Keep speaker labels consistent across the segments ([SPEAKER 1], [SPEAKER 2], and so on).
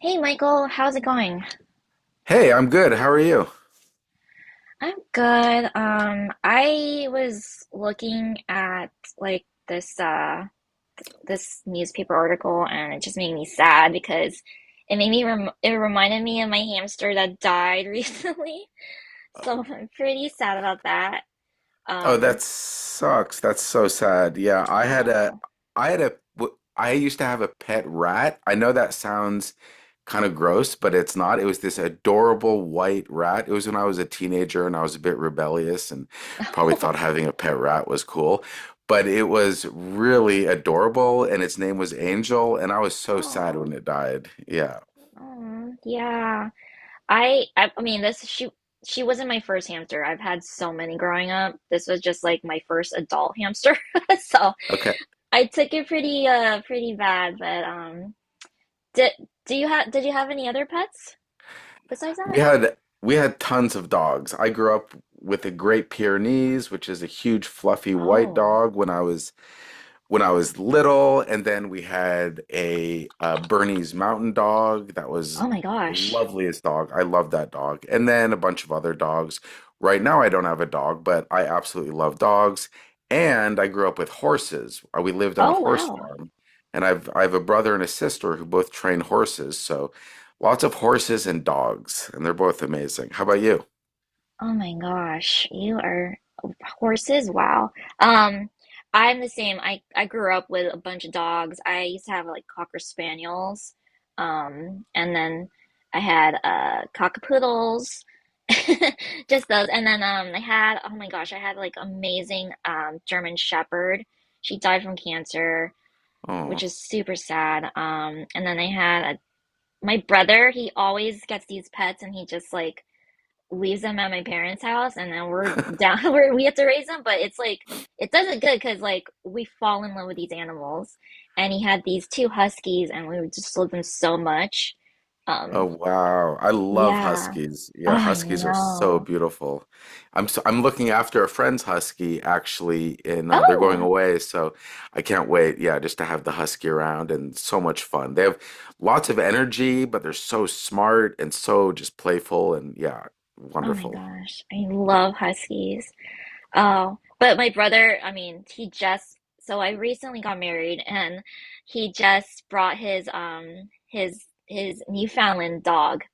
[SPEAKER 1] Hey Michael, how's it going?
[SPEAKER 2] Hey, I'm good. How are you?
[SPEAKER 1] I'm good. I was looking at like this this newspaper article, and it just made me sad because it made me reminded me of my hamster that died recently. So I'm pretty sad about that.
[SPEAKER 2] Oh,
[SPEAKER 1] Um,
[SPEAKER 2] that sucks. That's so sad. Yeah,
[SPEAKER 1] I know.
[SPEAKER 2] I had a, I used to have a pet rat. I know that sounds kind of gross, but it's not. It was this adorable white rat. It was when I was a teenager and I was a bit rebellious and probably thought having a pet rat was cool. But it was really adorable and its name was Angel, and I was so sad
[SPEAKER 1] Oh,
[SPEAKER 2] when it died. Yeah.
[SPEAKER 1] oh, yeah. I mean, this she wasn't my first hamster. I've had so many growing up. This was just like my first adult hamster. So
[SPEAKER 2] Okay.
[SPEAKER 1] I took it pretty pretty bad, but did do you have any other pets besides that?
[SPEAKER 2] We had tons of dogs. I grew up with a Great Pyrenees, which is a huge fluffy white
[SPEAKER 1] Oh.
[SPEAKER 2] dog when I was little, and then we had a Bernese Mountain Dog that was
[SPEAKER 1] Oh my
[SPEAKER 2] the
[SPEAKER 1] gosh.
[SPEAKER 2] loveliest dog. I love that dog, and then a bunch of other dogs. Right now, I don't have a dog, but I absolutely love dogs. And I grew up with horses. We lived on a
[SPEAKER 1] Oh
[SPEAKER 2] horse
[SPEAKER 1] wow.
[SPEAKER 2] farm, and I have a brother and a sister who both train horses. So lots of horses and dogs, and they're both amazing. How about you?
[SPEAKER 1] Oh my gosh, you are horses. Wow. Um, I'm the same. I grew up with a bunch of dogs. I used to have like cocker spaniels, and then I had cockapoodles, just those. And then I had oh my gosh, I had like amazing German Shepherd. She died from cancer, which
[SPEAKER 2] Oh.
[SPEAKER 1] is super sad. And then I had my brother. He always gets these pets, and he just like leaves them at my parents' house, and then we're down where we have to raise them. But it's like it does not good because like we fall in love with these animals, and he had these two huskies, and we just loved them so much.
[SPEAKER 2] Oh
[SPEAKER 1] Um,
[SPEAKER 2] wow. I love
[SPEAKER 1] yeah.
[SPEAKER 2] huskies.
[SPEAKER 1] Oh,
[SPEAKER 2] Yeah,
[SPEAKER 1] I
[SPEAKER 2] huskies are so
[SPEAKER 1] know.
[SPEAKER 2] beautiful. I'm looking after a friend's husky actually and they're going
[SPEAKER 1] Oh,
[SPEAKER 2] away, so I can't wait. Yeah, just to have the husky around and so much fun. They have lots of energy, but they're so smart and so just playful and yeah,
[SPEAKER 1] oh my
[SPEAKER 2] wonderful.
[SPEAKER 1] gosh, I
[SPEAKER 2] Yeah.
[SPEAKER 1] love huskies. Oh, but my brother, I mean, he just so I recently got married, and he just brought his his Newfoundland dog,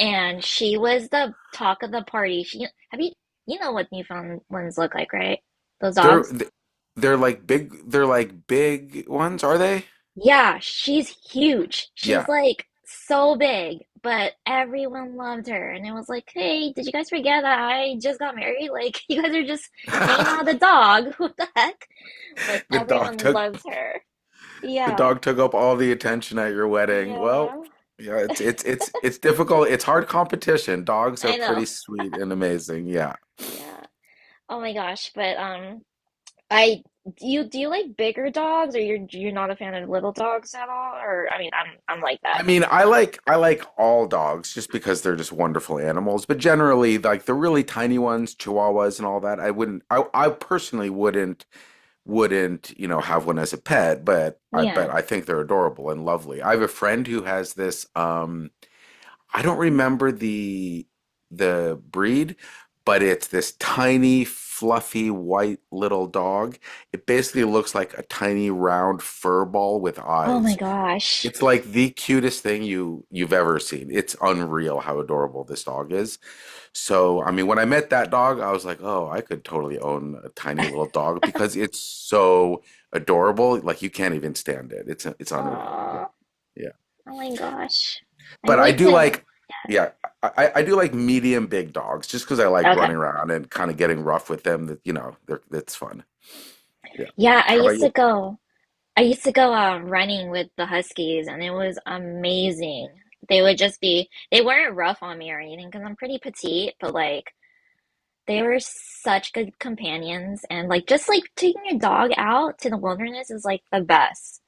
[SPEAKER 1] and she was the talk of the party. She have you you know what Newfoundlands look like, right? Those
[SPEAKER 2] They're
[SPEAKER 1] dogs.
[SPEAKER 2] th- they're like big ones, are they?
[SPEAKER 1] Yeah, she's huge. She's
[SPEAKER 2] Yeah.
[SPEAKER 1] like so big, but everyone loved her, and it was like, hey, did you guys forget that I just got married? Like, you guys are just hanging out with a dog. What the heck? But
[SPEAKER 2] The dog
[SPEAKER 1] everyone
[SPEAKER 2] took
[SPEAKER 1] loves her.
[SPEAKER 2] The
[SPEAKER 1] Yeah,
[SPEAKER 2] dog took up all the attention at your wedding.
[SPEAKER 1] yeah,
[SPEAKER 2] Well, yeah, it's difficult. It's hard competition. Dogs are
[SPEAKER 1] I know.
[SPEAKER 2] pretty sweet and amazing. Yeah.
[SPEAKER 1] Yeah. Oh my gosh, but. I do you like bigger dogs, or you're not a fan of little dogs at all? Or I mean, I'm like
[SPEAKER 2] I
[SPEAKER 1] that.
[SPEAKER 2] mean, I like all dogs just because they're just wonderful animals, but generally like the really tiny ones, chihuahuas and all that, I personally wouldn't, you know, have one as a pet,
[SPEAKER 1] Yeah.
[SPEAKER 2] but I think they're adorable and lovely. I have a friend who has this. I don't remember the breed, but it's this tiny, fluffy, white little dog. It basically looks like a tiny round fur ball with
[SPEAKER 1] Oh my
[SPEAKER 2] eyes.
[SPEAKER 1] gosh.
[SPEAKER 2] It's like the cutest thing you've ever seen. It's unreal how adorable this dog is. So, I mean, when I met that dog, I was like, "Oh, I could totally own a tiny little dog because it's so adorable. Like you can't even stand it. It's unreal." Yeah.
[SPEAKER 1] Oh,
[SPEAKER 2] Yeah.
[SPEAKER 1] oh my gosh. I
[SPEAKER 2] But I
[SPEAKER 1] need
[SPEAKER 2] do
[SPEAKER 1] to.
[SPEAKER 2] like, yeah, I do like medium big dogs just because I like
[SPEAKER 1] Okay.
[SPEAKER 2] running around and kind of getting rough with them. That you know, they're, it's fun. Yeah.
[SPEAKER 1] Yeah, I
[SPEAKER 2] How
[SPEAKER 1] used
[SPEAKER 2] about
[SPEAKER 1] to
[SPEAKER 2] you?
[SPEAKER 1] go. I used to go running with the Huskies, and it was amazing. They would just be. They weren't rough on me or anything because I'm pretty petite, but like they were such good companions, and like just like taking your dog out to the wilderness is like the best.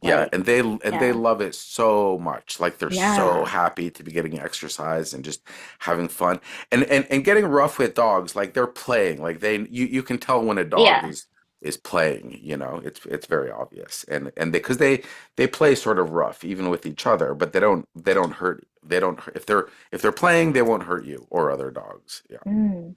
[SPEAKER 2] Yeah,
[SPEAKER 1] Like.
[SPEAKER 2] and they
[SPEAKER 1] Yeah.
[SPEAKER 2] love it so much. Like they're so
[SPEAKER 1] Yeah.
[SPEAKER 2] happy to be getting exercise and just having fun. And getting rough with dogs, like they're playing. Like they you can tell when a dog
[SPEAKER 1] Yeah.
[SPEAKER 2] is playing, you know. It's very obvious. And they because they play sort of rough even with each other, but they don't hurt they don't If they're playing, they won't hurt you or other dogs. Yeah.
[SPEAKER 1] Mm.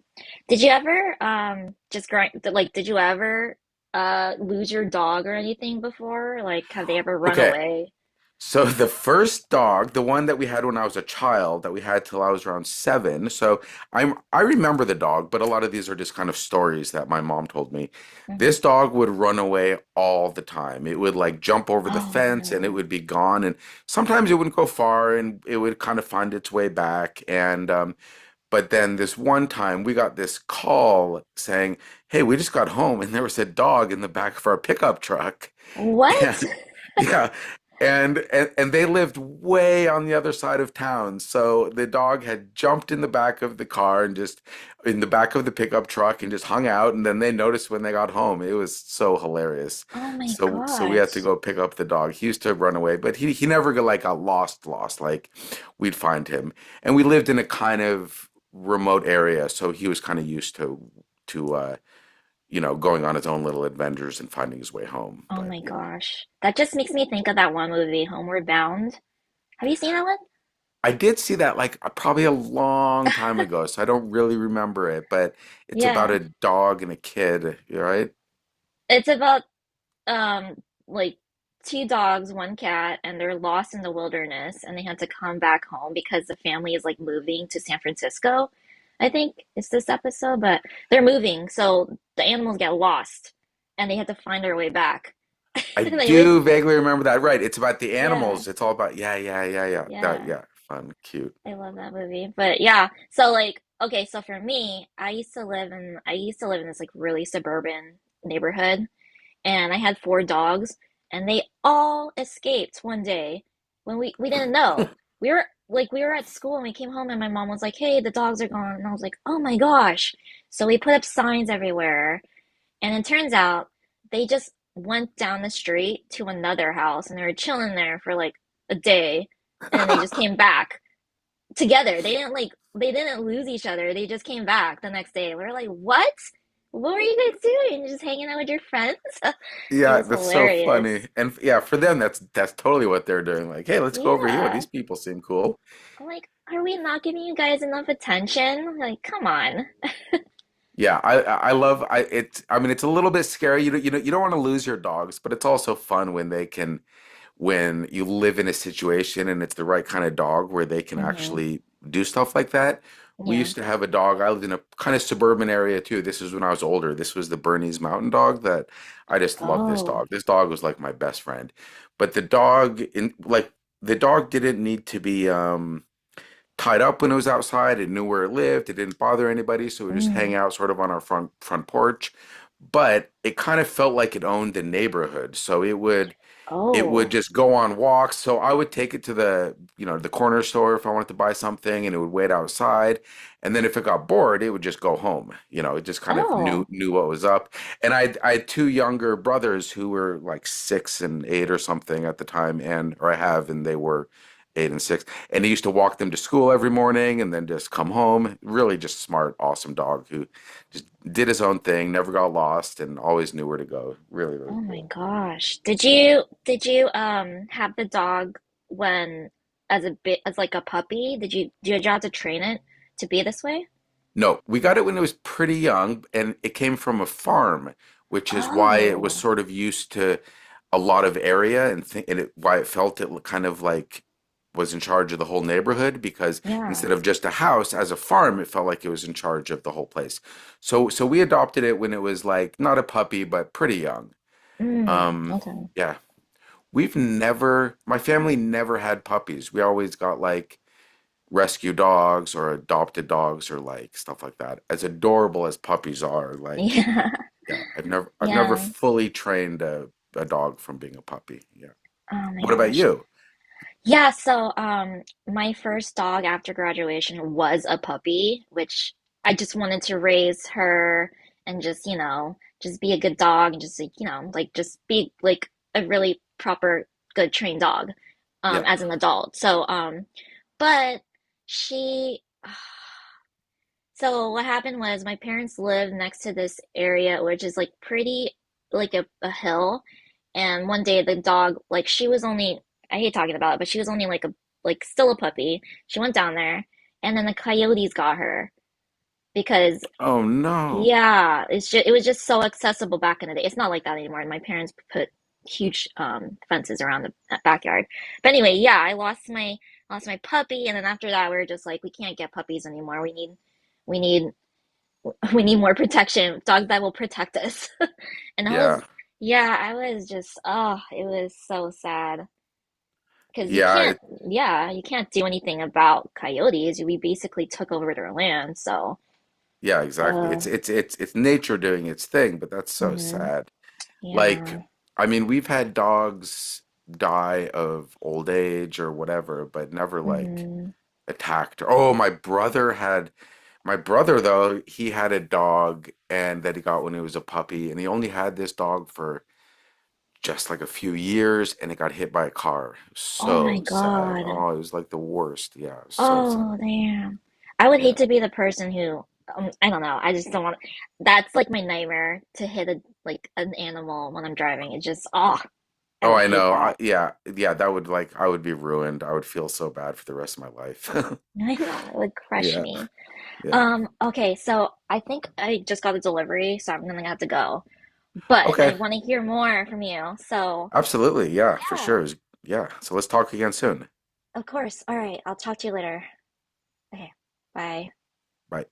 [SPEAKER 1] Did you ever just growing like did you ever lose your dog or anything before? Like have they ever run
[SPEAKER 2] Okay.
[SPEAKER 1] away?
[SPEAKER 2] So the first dog, the one that we had when I was a child, that we had till I was around seven. So I remember the dog, but a lot of these are just kind of stories that my mom told me.
[SPEAKER 1] Hmm.
[SPEAKER 2] This dog would run away all the time. It would like jump over the
[SPEAKER 1] Oh
[SPEAKER 2] fence and it
[SPEAKER 1] no.
[SPEAKER 2] would be gone. And sometimes it wouldn't go far and it would kind of find its way back. And but then this one time we got this call saying, hey, we just got home and there was a dog in the back of our pickup truck.
[SPEAKER 1] What?
[SPEAKER 2] And yeah. And they lived way on the other side of town. So the dog had jumped in the back of the car and just in the back of the pickup truck and just hung out. And then they noticed when they got home. It was so hilarious.
[SPEAKER 1] Oh my
[SPEAKER 2] So we had to
[SPEAKER 1] gosh.
[SPEAKER 2] go pick up the dog. He used to run away, but he never got like got lost, lost. Like we'd find him. And we lived in a kind of remote area, so he was kind of used to to uh, you know, going on his own little adventures and finding his way home.
[SPEAKER 1] Oh
[SPEAKER 2] But
[SPEAKER 1] my gosh. That just makes me think of that one movie, Homeward Bound. Have you seen that one?
[SPEAKER 2] I did see that like probably a long time ago, so I don't really remember it, but it's about
[SPEAKER 1] Yeah.
[SPEAKER 2] a dog and a kid, you're right?
[SPEAKER 1] It's about um like two dogs, one cat, and they're lost in the wilderness, and they had to come back home because the family is like moving to San Francisco. I think it's this episode, but they're moving, so the animals get lost and they have to find their way back.
[SPEAKER 2] I
[SPEAKER 1] And they always
[SPEAKER 2] do vaguely remember that. Right. It's about the
[SPEAKER 1] yeah,
[SPEAKER 2] animals. It's all about yeah, yeah, yeah, yeah. That
[SPEAKER 1] yeah.
[SPEAKER 2] yeah, fun, cute.
[SPEAKER 1] I love that movie. But yeah, so like okay, so for me, I used to live in this like really suburban neighborhood, and I had four dogs, and they all escaped 1 day when we didn't know. We were like we were at school, and we came home and my mom was like, "Hey, the dogs are gone," and I was like, "Oh my gosh!" So we put up signs everywhere, and it turns out they just went down the street to another house, and they were chilling there for like a day, and then they just came back together. They didn't like they didn't lose each other. They just came back the next day. We were like, "What? What were you guys doing? Just hanging out with your friends?" It
[SPEAKER 2] Yeah,
[SPEAKER 1] was
[SPEAKER 2] that's so
[SPEAKER 1] hilarious.
[SPEAKER 2] funny. Yeah, for them that's totally what they're doing. Like, hey, let's go over here.
[SPEAKER 1] Yeah.
[SPEAKER 2] These people seem cool.
[SPEAKER 1] I'm like, are we not giving you guys enough attention? Like, come on.
[SPEAKER 2] Yeah, I love I It's I mean it's a little bit scary. You know you don't want to lose your dogs, but it's also fun when they can when you live in a situation and it's the right kind of dog where they can
[SPEAKER 1] Hmm.
[SPEAKER 2] actually do stuff like that. We
[SPEAKER 1] Yeah.
[SPEAKER 2] used to have a dog. I lived in a kind of suburban area too. This is when I was older. This was the Bernese Mountain Dog that I just loved this
[SPEAKER 1] Oh.
[SPEAKER 2] dog. This dog was like my best friend. But the dog didn't need to be tied up when it was outside. It knew where it lived. It didn't bother anybody, so we just hang
[SPEAKER 1] Mm.
[SPEAKER 2] out sort of on our front porch. But it kind of felt like it owned the neighborhood. So it
[SPEAKER 1] Oh.
[SPEAKER 2] would just go on walks. So I would take it to the, you know, the corner store if I wanted to buy something and it would wait outside. And then if it got bored, it would just go home. You know, it just kind of
[SPEAKER 1] Oh.
[SPEAKER 2] knew what was up. And I had two younger brothers who were like six and eight or something at the time, and or I have, and they were eight and six. And he used to walk them to school every morning and then just come home. Really just smart, awesome dog who just did his own thing, never got lost, and always knew where to go. Really, really
[SPEAKER 1] Oh my
[SPEAKER 2] cool.
[SPEAKER 1] gosh. Did you have the dog when as a bit as like a puppy? Did you have to train it to be this way?
[SPEAKER 2] No, we got it when it was pretty young, and it came from a farm, which is why it was
[SPEAKER 1] Oh.
[SPEAKER 2] sort of used to a lot of area and why it felt it kind of like was in charge of the whole neighborhood because
[SPEAKER 1] Yeah.
[SPEAKER 2] instead of just a house as a farm, it felt like it was in charge of the whole place. So we adopted it when it was like not a puppy, but pretty young.
[SPEAKER 1] Mm.
[SPEAKER 2] Um,
[SPEAKER 1] Okay.
[SPEAKER 2] yeah, we've never, my family never had puppies. We always got like rescue dogs or adopted dogs or like stuff like that. As adorable as puppies are, like
[SPEAKER 1] Yeah.
[SPEAKER 2] yeah, I've never
[SPEAKER 1] Yeah.
[SPEAKER 2] fully trained a dog from being a puppy. Yeah.
[SPEAKER 1] Oh my
[SPEAKER 2] What about
[SPEAKER 1] gosh.
[SPEAKER 2] you?
[SPEAKER 1] Yeah, so my first dog after graduation was a puppy, which I just wanted to raise her and just, you know, just be a good dog and just like, you know, like just be like a really proper good trained dog
[SPEAKER 2] Yeah.
[SPEAKER 1] as an adult. So but she so what happened was my parents live next to this area, which is like pretty like a hill. And 1 day the dog, like I hate talking about it, but she was only like a like still a puppy. She went down there, and then the coyotes got her because
[SPEAKER 2] Oh no.
[SPEAKER 1] yeah, it's just it was just so accessible back in the day. It's not like that anymore. And my parents put huge fences around the backyard. But anyway, yeah, I lost my puppy, and then after that we were just like, we can't get puppies anymore. We need we need more protection, dogs that will protect us. And I
[SPEAKER 2] Yeah.
[SPEAKER 1] was, yeah, I was just, oh, it was so sad. Because you
[SPEAKER 2] Yeah,
[SPEAKER 1] can't,
[SPEAKER 2] it,
[SPEAKER 1] yeah, you can't do anything about coyotes. We basically took over their land, so,
[SPEAKER 2] yeah, exactly.
[SPEAKER 1] uh,
[SPEAKER 2] It's nature doing its thing, but that's so
[SPEAKER 1] hmm
[SPEAKER 2] sad. Like
[SPEAKER 1] yeah,
[SPEAKER 2] I mean, we've had dogs die of old age or whatever, but never like
[SPEAKER 1] hmm.
[SPEAKER 2] attacked her. Oh, my brother though, he had a dog and that he got when he was a puppy and he only had this dog for just like a few years and it got hit by a car.
[SPEAKER 1] Oh my
[SPEAKER 2] So sad.
[SPEAKER 1] God.
[SPEAKER 2] Oh, it was like the worst. Yeah, so sad.
[SPEAKER 1] Oh, damn. I would hate
[SPEAKER 2] Yeah.
[SPEAKER 1] to be the person who, I don't know, I just don't want, to. That's like my nightmare to hit a, like an animal when I'm driving. It just, oh, I
[SPEAKER 2] Oh,
[SPEAKER 1] would
[SPEAKER 2] I
[SPEAKER 1] hate
[SPEAKER 2] know.
[SPEAKER 1] that.
[SPEAKER 2] I, yeah. Yeah, that would like I would be ruined. I would feel so bad for the rest of my life.
[SPEAKER 1] I know, it would crush
[SPEAKER 2] Yeah.
[SPEAKER 1] me.
[SPEAKER 2] Yeah.
[SPEAKER 1] Okay, so I think I just got a delivery, so I'm gonna have to go. But I
[SPEAKER 2] Okay.
[SPEAKER 1] want to hear more from you. So,
[SPEAKER 2] Absolutely. Yeah, for
[SPEAKER 1] yeah,
[SPEAKER 2] sure. It was- yeah. So let's talk again soon.
[SPEAKER 1] of course. All right, I'll talk to you later. Okay, bye.
[SPEAKER 2] Bye.